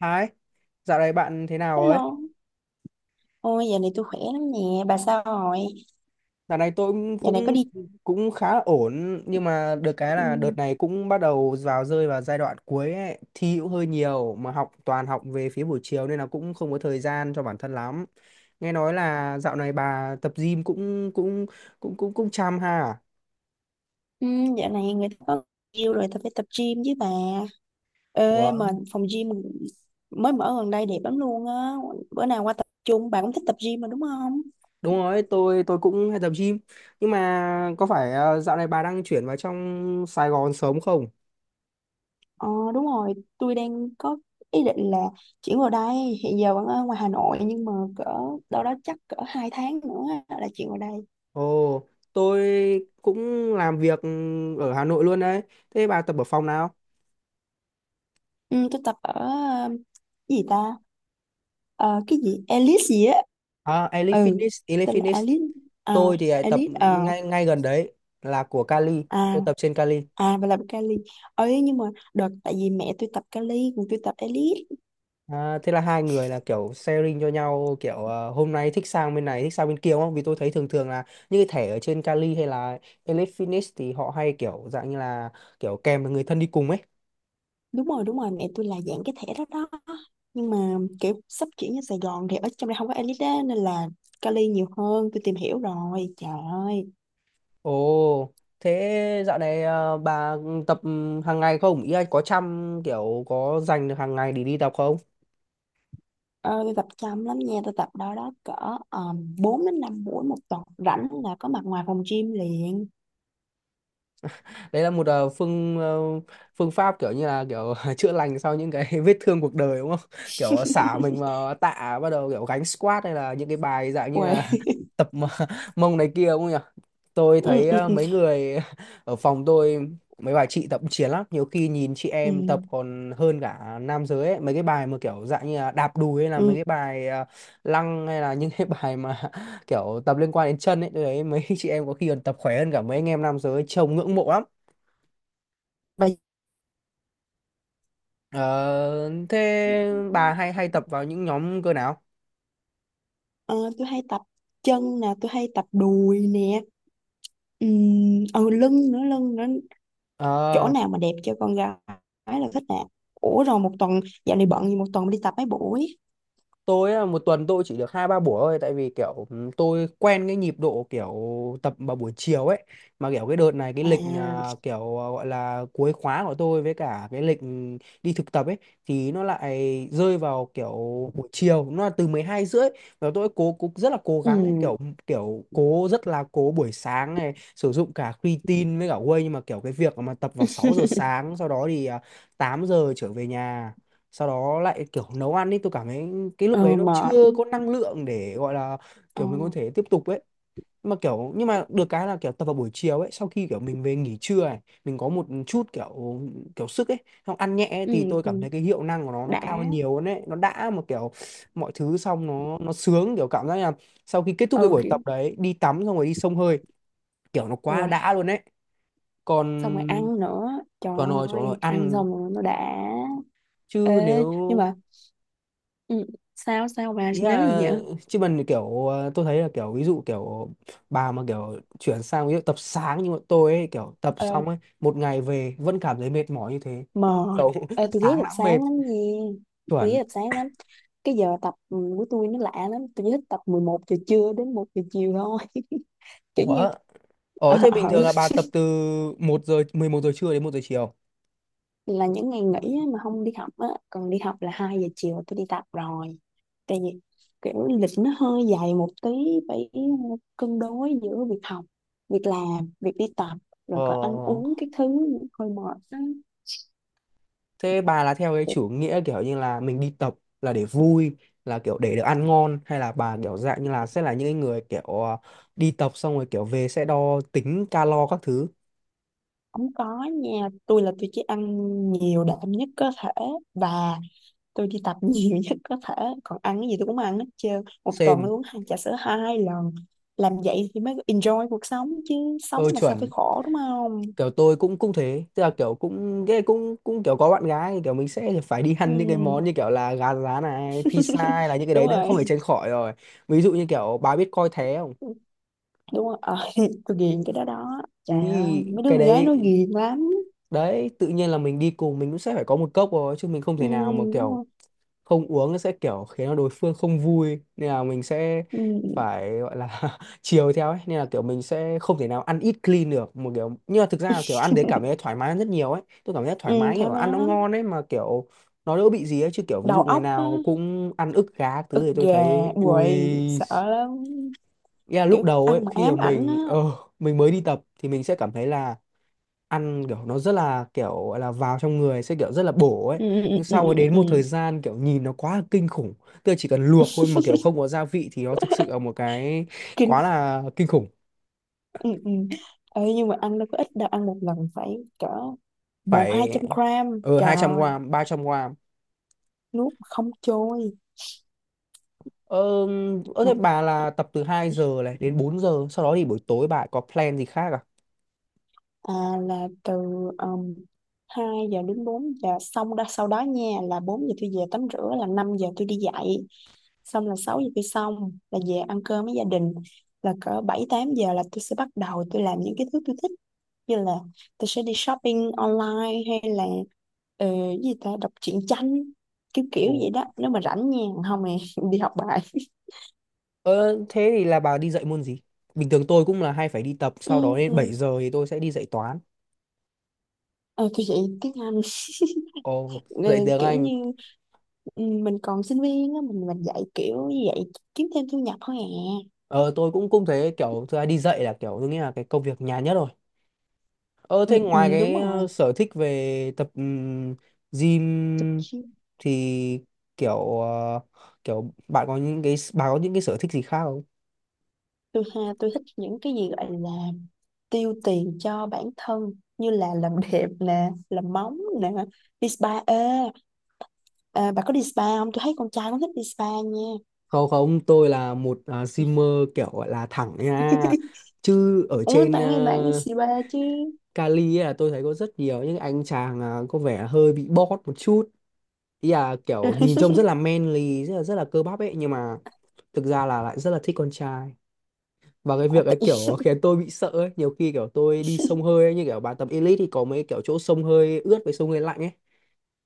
Hai, dạo này bạn thế nào ấy? Hello. Ôi, dạo này tôi khỏe lắm nè. Bà sao rồi? Dạo này tôi cũng Dạo này có cũng đi. cũng khá là ổn, nhưng mà được cái là đợt Ừ, này cũng bắt đầu vào rơi vào giai đoạn cuối ấy. Thi cũng hơi nhiều mà học toàn học về phía buổi chiều nên là cũng không có thời gian cho bản thân lắm. Nghe nói là dạo này bà tập gym cũng cũng cũng cũng cũng chăm ha. À? ừ, dạo này người ta có yêu rồi, tôi phải tập gym với bà. Ủa, Ê, mà phòng gym mới mở gần đây đẹp lắm luôn á. Bữa nào qua tập chung, bà cũng thích tập gym mà đúng không? đúng rồi, tôi cũng hay tập gym. Nhưng mà có phải dạo này bà đang chuyển vào trong Sài Gòn sớm không? Ờ, đúng rồi. Tôi đang có ý định là chuyển vào đây. Hiện giờ vẫn ở ngoài Hà Nội, nhưng mà cỡ đâu đó chắc cỡ 2 tháng nữa á, là chuyển vào đây. Ồ, tôi cũng làm việc ở Hà Nội luôn đấy. Thế bà tập ở phòng nào? Ừ, tôi tập ở, cái gì ta? Cái gì? Alice gì á. À, Elite Ừ, Fitness, Elite tên là Fitness. Alice à, Tôi thì lại tập Alice ngay ngay gần đấy, là của Cali. à Tôi tập trên Cali. à và là Cali ấy, nhưng mà đợt tại vì mẹ tôi tập Cali còn tôi tập Alice. À, thế là hai người là kiểu sharing cho nhau, kiểu hôm nay thích sang bên này thích sang bên kia đúng không? Vì tôi thấy thường thường là những cái thẻ ở trên Cali hay là Elite Fitness thì họ hay kiểu dạng như là kiểu kèm được người thân đi cùng ấy. Đúng rồi, đúng rồi, mẹ tôi là dạng cái thẻ đó đó, nhưng mà kiểu sắp chuyển ra Sài Gòn thì ở trong đây không có Alice á, nên là Cali nhiều hơn. Tôi tìm hiểu rồi, trời ơi. Ồ, thế dạo này à, bà tập hàng ngày không? Ý là có chăm kiểu có dành được hàng ngày để đi tập không? Ờ, tôi tập chăm lắm nha, tôi tập đó đó cỡ 4 đến 5 buổi một tuần, rảnh là có mặt ngoài phòng gym liền. Đấy là một phương pháp kiểu như là kiểu chữa lành sau những cái vết thương cuộc đời đúng không? Kiểu xả mình vào tạ, bắt đầu kiểu gánh squat hay là những cái bài dạng như Uầy. là tập mà- mông này kia đúng không nhỉ? Tôi Ừ, thấy ừ, ừ. mấy người ở phòng tôi, mấy bà chị tập chiến lắm, nhiều khi nhìn chị Ừ. em tập còn hơn cả nam giới ấy. Mấy cái bài mà kiểu dạng như là đạp đùi hay là mấy Ừ. cái bài lăng hay là những cái bài mà kiểu tập liên quan đến chân ấy, tôi thấy mấy chị em có khi còn tập khỏe hơn cả mấy anh em nam giới, trông ngưỡng mộ lắm. Và Ờ, thế bà hay hay tập vào những nhóm cơ nào? Ờ, tôi hay tập chân nè, tôi hay tập đùi nè, ừ, ừ, lưng nữa, chỗ Ờ nào mà đẹp cho con gái là thích nè. Ủa rồi một tuần, dạo này bận gì một tuần đi tập mấy buổi? tôi á, một tuần tôi chỉ được hai ba buổi thôi, tại vì kiểu tôi quen cái nhịp độ kiểu tập vào buổi chiều ấy, mà kiểu cái đợt này cái lịch À, à, kiểu à, gọi là cuối khóa của tôi với cả cái lịch đi thực tập ấy thì nó lại rơi vào kiểu buổi chiều, nó là từ 12 rưỡi, và tôi cố cũng rất là cố ừ, gắng ấy, kiểu kiểu cố rất là cố buổi sáng này sử dụng cả creatine với cả whey, nhưng mà kiểu cái việc mà tập vào 6 giờ sáng, sau đó thì 8 giờ trở về nhà, sau đó lại kiểu nấu ăn đi, tôi cảm thấy cái lúc đấy ờ, nó mệt, chưa có năng lượng để gọi là ờ, kiểu mình có thể tiếp tục ấy, mà kiểu nhưng mà được cái là kiểu tập vào buổi chiều ấy, sau khi kiểu mình về nghỉ trưa này, mình có một chút kiểu kiểu sức ấy, xong ăn nhẹ ấy, thì tôi cảm ừ, thấy cái hiệu năng của nó đã, cao hơn nhiều hơn ấy, nó đã, mà kiểu mọi thứ xong nó sướng, kiểu cảm giác là sau khi kết thúc cái ừ, buổi kiểu, tập đấy, đi tắm xong rồi đi xông hơi kiểu nó quá ui, đã luôn ấy. xong rồi Còn ăn nữa, trời còn rồi chỗ rồi ơi, ăn ăn, xong rồi nó đã. chứ Ê, nếu nhưng mà, ừ, sao, sao bà, ý nếu là gì vậy? chứ mình kiểu tôi thấy là kiểu ví dụ kiểu bà mà kiểu chuyển sang ví dụ tập sáng như bọn tôi ấy, kiểu tập Ờ. xong ấy, một ngày về vẫn cảm thấy mệt mỏi như thế, Mệt. kiểu Ê, tôi ghé sáng tập đã mệt. sáng lắm nha, tôi ghét Chuẩn. tập sáng lắm, cái giờ tập của tôi nó lạ lắm, tôi chỉ thích tập 11 giờ trưa đến 1 giờ chiều thôi. Kiểu như Ủa, ủa ờ thế bình ờ, thường là bà tập từ một giờ 11 giờ trưa đến một giờ chiều? là những ngày nghỉ á, mà không đi học á, còn đi học là 2 giờ chiều tôi đi tập rồi. Tại vì kiểu lịch nó hơi dài một tí, phải cân đối giữa việc học, việc làm, việc đi tập, rồi còn ăn Ờ uống, cái thứ hơi mệt á. thế bà là theo cái chủ nghĩa kiểu như là mình đi tập là để vui, là kiểu để được ăn ngon, hay là bà kiểu dạng như là sẽ là những cái người kiểu đi tập xong rồi kiểu về sẽ đo tính calo các thứ Không có nha, tôi là tôi chỉ ăn nhiều đạm nhất có thể, và tôi đi tập nhiều nhất có thể, còn ăn cái gì tôi cũng ăn hết trơn. Một tuần tôi xem? uống hai trà sữa 2 lần, làm vậy thì mới enjoy cuộc sống chứ, sống Ừ mà sao phải chuẩn, khổ, đúng không. kiểu tôi cũng cũng thế, tức là kiểu cũng ghê cũng cũng kiểu có bạn gái thì kiểu mình sẽ phải đi Ừ. ăn những cái món như kiểu là gà rán này, pizza hay là những cái Đúng đấy đấy, rồi, không thể tránh khỏi rồi. Ví dụ như kiểu bà biết coi thế không, đúng rồi. Ờ, tôi ghiền cái đó đó, trời ơi, ui mấy đứa cái con gái đấy nó ghiền lắm. đấy tự nhiên là mình đi cùng mình cũng sẽ phải có một cốc rồi, chứ mình không Ừ, thể nào mà đúng kiểu không. không uống, sẽ kiểu khiến cho đối phương không vui, nên là mình sẽ Ừ, phải gọi là chiều theo ấy, nên là kiểu mình sẽ không thể nào ăn ít clean được một kiểu, nhưng mà thực ra là kiểu ăn đấy cảm thấy thoải mái hơn rất nhiều ấy, tôi cảm thấy ừ, thoải mái, kiểu thoải mái ăn nó lắm. ngon ấy, mà kiểu nó đỡ bị gì ấy. Chứ kiểu ví Đầu dụ ngày óc á, nào cũng ăn ức gà các ức thứ thì tôi gà thấy ui, quậy sợ lắm, yeah, lúc kiểu đầu ấy ăn mà khi mà ám ảnh mình á. Mình mới đi tập thì mình sẽ cảm thấy là ăn kiểu nó rất là kiểu gọi là vào trong người sẽ kiểu rất là bổ ấy, Ừ, ừ, nhưng ừ, sau ừ, ừ. đến Ừ. một thời gian kiểu nhìn nó quá là kinh khủng, tức là chỉ cần luộc thôi mà kiểu không có gia vị thì nó thực sự là một cái Kinh. quá là kinh khủng. Ừ, ừ. Ê, nhưng mà ăn đâu có ít đâu, ăn một lần phải cỡ một hai Phải, trăm gram, ở trời hai trăm ơi, gram ba trăm gram nuốt mà không trôi. Ờ, ờ thế bà là tập từ 2 giờ này đến 4 giờ, sau đó thì buổi tối bà có plan gì khác à? À, là từ um, 2 giờ đến 4 giờ, xong đó sau đó nha, là 4 giờ tôi về tắm rửa, là 5 giờ tôi đi dạy, xong là 6 giờ tôi xong, là về ăn cơm với gia đình, là cỡ 7-8 giờ là tôi sẽ bắt đầu, tôi làm những cái thứ tôi thích như là tôi sẽ đi shopping online, hay là cái gì ta, đọc truyện tranh, kiểu kiểu Ồ. vậy đó nếu mà rảnh nha, không thì đi học bài. Ờ thế thì là bà đi dạy môn gì? Bình thường tôi cũng là hay phải đi tập, sau Ừ, đó đến 7 ừ. giờ thì tôi sẽ đi dạy toán. Ờ, tôi dạy tiếng Anh. Ồ, Ờ, dạy tiếng kiểu Anh. như, ừ, mình còn sinh viên á, mình dạy kiểu như vậy, kiếm thêm thu nhập thôi à. Ờ tôi cũng cũng thế, kiểu thứ hai đi dạy là kiểu tôi nghĩ là cái công việc nhàn nhất rồi. Ờ Ừ, thế ừ, ngoài đúng cái rồi. sở thích về tập tôi, gym chi- thì kiểu kiểu bạn có những cái bà có những cái sở thích gì khác không? tôi ha tôi thích những cái gì gọi là tiêu tiền cho bản thân, như là làm đẹp nè, làm móng nè, đi spa. Ê, à, bà có đi spa không, tôi thấy con trai cũng thích đi spa nha. Không không, tôi là một gymer kiểu gọi là thẳng nha. Chứ ở Uống trên tặng em tặng spa chứ. Cali ấy là tôi thấy có rất nhiều những anh chàng có vẻ hơi bị bót một chút. Ý là kiểu nhìn trông rất là manly, rất là cơ bắp ấy, nhưng mà thực ra là lại rất là thích con trai, và cái À, việc tự. ấy kiểu khiến tôi bị sợ ấy. Nhiều khi kiểu tôi đi sông hơi ấy, như kiểu bạn tập elite thì có mấy kiểu chỗ sông hơi ướt với sông hơi lạnh ấy,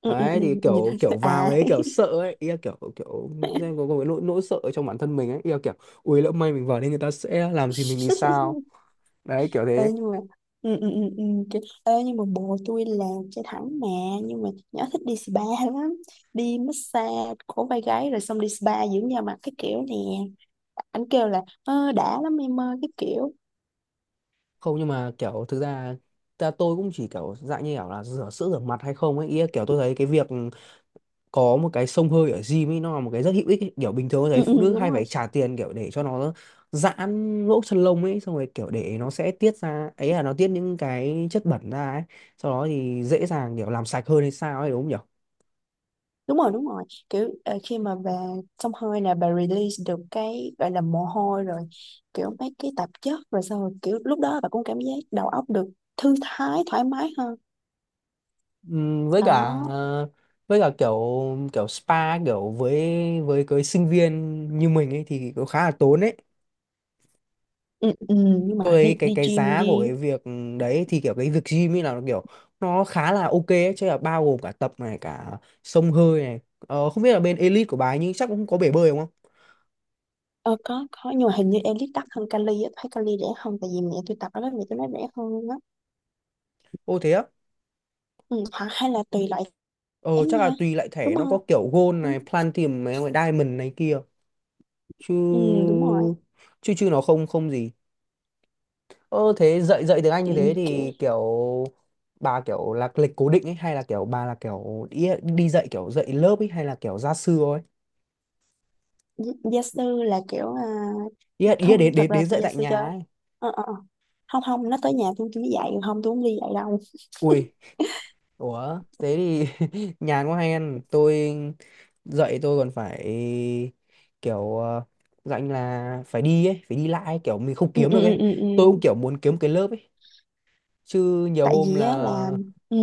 Ừ, ừ, ừ, đấy thì nhìn kiểu kiểu vào à. ấy kiểu sợ ấy, ý là kiểu kiểu xem có cái nỗi nỗi sợ ở trong bản thân mình ấy, ý là kiểu ui lỡ may mình vào đây người ta sẽ làm gì mình thì sao, đấy kiểu thế. Ê nhưng mà, ừ, ừ, ừ, ừ. Ê nhưng mà bồ tôi là trai thẳng mà. Nhưng mà nhỏ thích đi spa lắm, đi massage cổ vai gáy, rồi xong đi spa dưỡng da mặt cái kiểu nè. Anh kêu là ờ, đã lắm em ơi, cái kiểu. Không, nhưng mà kiểu thực ra ta tôi cũng chỉ kiểu dạng như kiểu là rửa sữa rửa mặt hay không ấy. Ý là kiểu tôi thấy cái việc có một cái xông hơi ở gym ấy nó là một cái rất hữu ích ấy. Kiểu bình thường tôi thấy Ừ, ừ, phụ nữ đúng hay phải rồi. trả tiền kiểu để cho nó giãn lỗ chân lông ấy, xong rồi kiểu để nó sẽ tiết ra ấy, là nó tiết những cái chất bẩn ra ấy, sau đó thì dễ dàng kiểu làm sạch hơn hay sao ấy, đúng không nhỉ? Đúng rồi, đúng rồi. Kiểu khi mà bà xông hơi nè, bà release được cái gọi là mồ hôi rồi, kiểu mấy cái tạp chất, rồi xong rồi kiểu lúc đó bà cũng cảm giác đầu óc được thư thái, thoải mái hơn. Với cả Đó. với cả kiểu kiểu spa, kiểu với cái sinh viên như mình ấy thì cũng khá là tốn ấy. Ừ, ừ, nhưng Tôi mà thấy đi cái đi cái gym giá của đi. cái việc đấy thì kiểu cái việc gym ấy là nó kiểu nó khá là ok ấy, chứ là bao gồm cả tập này cả xông hơi này. Ờ, không biết là bên Elite của bà ấy, nhưng chắc cũng có bể bơi đúng không? Ờ, có, nhưng mà hình như em đắt hơn Cali á, thấy Cali rẻ hơn, tại vì mẹ tôi tập ở đó, mẹ tôi nói rẻ hơn luôn á. Ô thế á. Ừ, hoặc hay là tùy loại giá Ờ chắc là nha. tùy lại Đúng thẻ, nó có không? kiểu Gold này, Platinum này, Diamond này kia, chứ Ừ, đúng rồi. chứ chứ nó không không gì. Ờ thế dạy dạy tiếng Anh Ừ, như thế kiểu thì kiểu bà kiểu là lịch cố định ấy, hay là kiểu bà là kiểu đi, đi dạy kiểu dạy lớp ấy, hay là kiểu gia sư thôi? Gia sư là kiểu à, Ý là, ý là không, đến thật đến ra là đến tôi dạy gia tại sư cho. nhà ấy. Ờ, ờ, ờ. Không, không, nó tới nhà tôi mới dạy, không, tôi không đi dạy đâu. Ui, ủa, thế thì nhàn quá hay ăn. Tôi dậy tôi còn phải kiểu dạnh là phải đi ấy, phải đi lại ấy, kiểu mình không Ừ, kiếm ừ, được ừ, ấy. ừ. Tôi Ừ. cũng kiểu muốn kiếm cái lớp ấy, chứ nhiều Tại hôm vì là á là, ừ.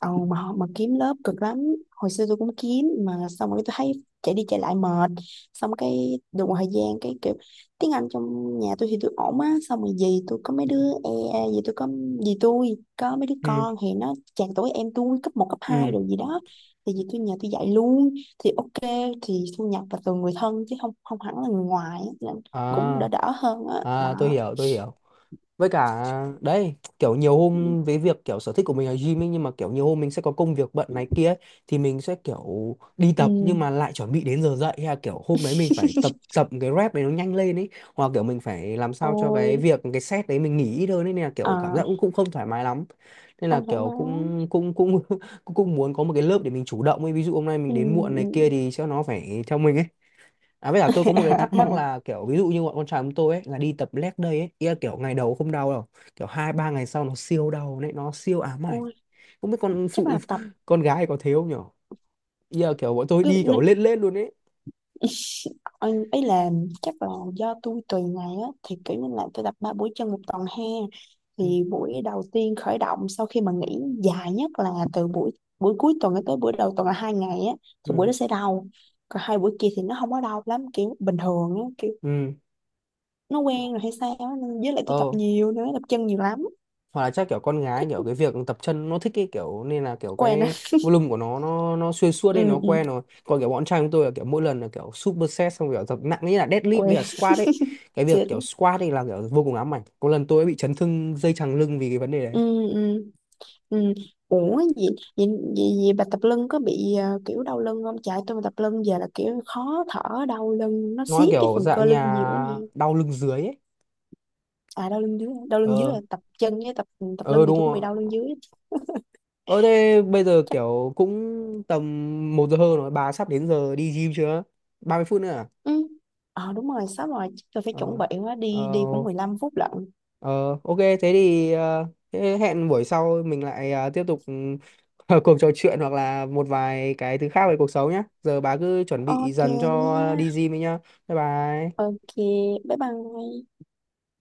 Ờ, mà kiếm lớp cực lắm, hồi xưa tôi cũng kiếm mà xong rồi tôi thấy chạy đi chạy lại mệt, xong cái được một thời gian cái kiểu tiếng Anh trong nhà tôi thì tôi ổn á, xong rồi gì tôi có mấy đứa e gì tôi có gì tôi có mấy đứa ừ con thì nó chạc tuổi em tôi, cấp 1 cấp 2 ừ rồi gì đó, thì gì tôi nhà tôi dạy luôn, thì ok, thì thu nhập là từ người thân chứ không không hẳn là người ngoài á. Nên cũng à đỡ đỡ hơn á à tôi đó. hiểu, tôi hiểu. Với cả đấy, kiểu nhiều hôm với việc kiểu sở thích của mình là gym ấy, nhưng mà kiểu nhiều hôm mình sẽ có công việc bận này kia ấy, thì mình sẽ kiểu đi tập Ừ. nhưng mà lại chuẩn bị đến giờ dậy, hay là kiểu hôm đấy mình phải tập tập cái rep đấy nó nhanh lên ấy, hoặc kiểu mình phải làm sao cho cái Ôi, việc cái set đấy mình nghỉ ít hơn ấy, nên là kiểu cảm giác à, cũng cũng không thoải mái lắm, nên là không thoải kiểu mái. cũng cũng cũng cũng cũng muốn có một cái lớp để mình chủ động ấy, ví dụ hôm nay mình Ừ. đến muộn này kia Ừ. thì sẽ nó phải theo mình ấy. À với cả tôi có một cái thắc mắc là kiểu ví dụ như bọn con trai chúng tôi ấy là đi tập leg day ấy, ý là kiểu ngày đầu không đau đâu, kiểu hai ba ngày sau nó siêu đau đấy, nó siêu ám ảnh. Ôi, Không biết con chắc phụ là tập, con gái có thế không nhở? Ý là kiểu bọn tôi cứ đi kiểu lên lên luôn ấy. anh ấy làm chắc là do tôi tùy ngày á, thì kiểu như là tôi tập 3 buổi chân một tuần ha, Ừ. thì buổi đầu tiên khởi động sau khi mà nghỉ dài nhất là từ buổi buổi cuối tuần tới buổi đầu tuần là 2 ngày á, thì buổi Ừ. đó sẽ đau, còn 2 buổi kia thì nó không có đau lắm, kiểu bình thường á, kiểu Ừ. nó quen rồi hay sao á, nên với lại tôi tập Ờ. nhiều nữa, tập chân nhiều lắm. Hoặc là chắc kiểu con gái kiểu cái việc tập chân nó thích cái kiểu, nên là kiểu Quen á. cái volume của nó nó xuyên suốt Ừ, đi nó ừ. quen rồi, còn kiểu bọn trai chúng tôi là kiểu mỗi lần là kiểu superset xong kiểu tập nặng như là deadlift với Quen. cả squat ấy. Cái việc Xịn. kiểu squat ấy là kiểu vô cùng ám ảnh, có lần tôi ấy bị chấn thương dây chằng lưng vì cái vấn đề đấy. Ừ, ừ. Ừ. Ủa vậy, vậy, vậy, vậy bà tập lưng có bị kiểu đau lưng không? Chạy tôi mà tập lưng giờ là kiểu khó thở, đau lưng nó Nó siết cái kiểu phần cơ dạng lưng nhiều nhà quá nè. đau lưng dưới ấy. À, đau lưng dưới Ờ là tập chân, với tập lưng ờ thì đúng tôi cũng bị rồi. đau lưng dưới. Ờ thế bây giờ Chắc. kiểu cũng tầm một giờ hơn rồi, bà sắp đến giờ đi gym chưa? 30 phút nữa à? Ừ. Ờ, đúng rồi, sắp rồi, chắc tôi phải chuẩn Ờ bị quá, ờ. đi đi cũng 15 phút lận. Ờ, ok thế thì thế hẹn buổi sau mình lại tiếp tục cuộc trò chuyện hoặc là một vài cái thứ khác về cuộc sống nhé. Giờ bà cứ chuẩn bị Ok dần cho nha. đi gym đi nhá. Bye bye. Ok, bye bye.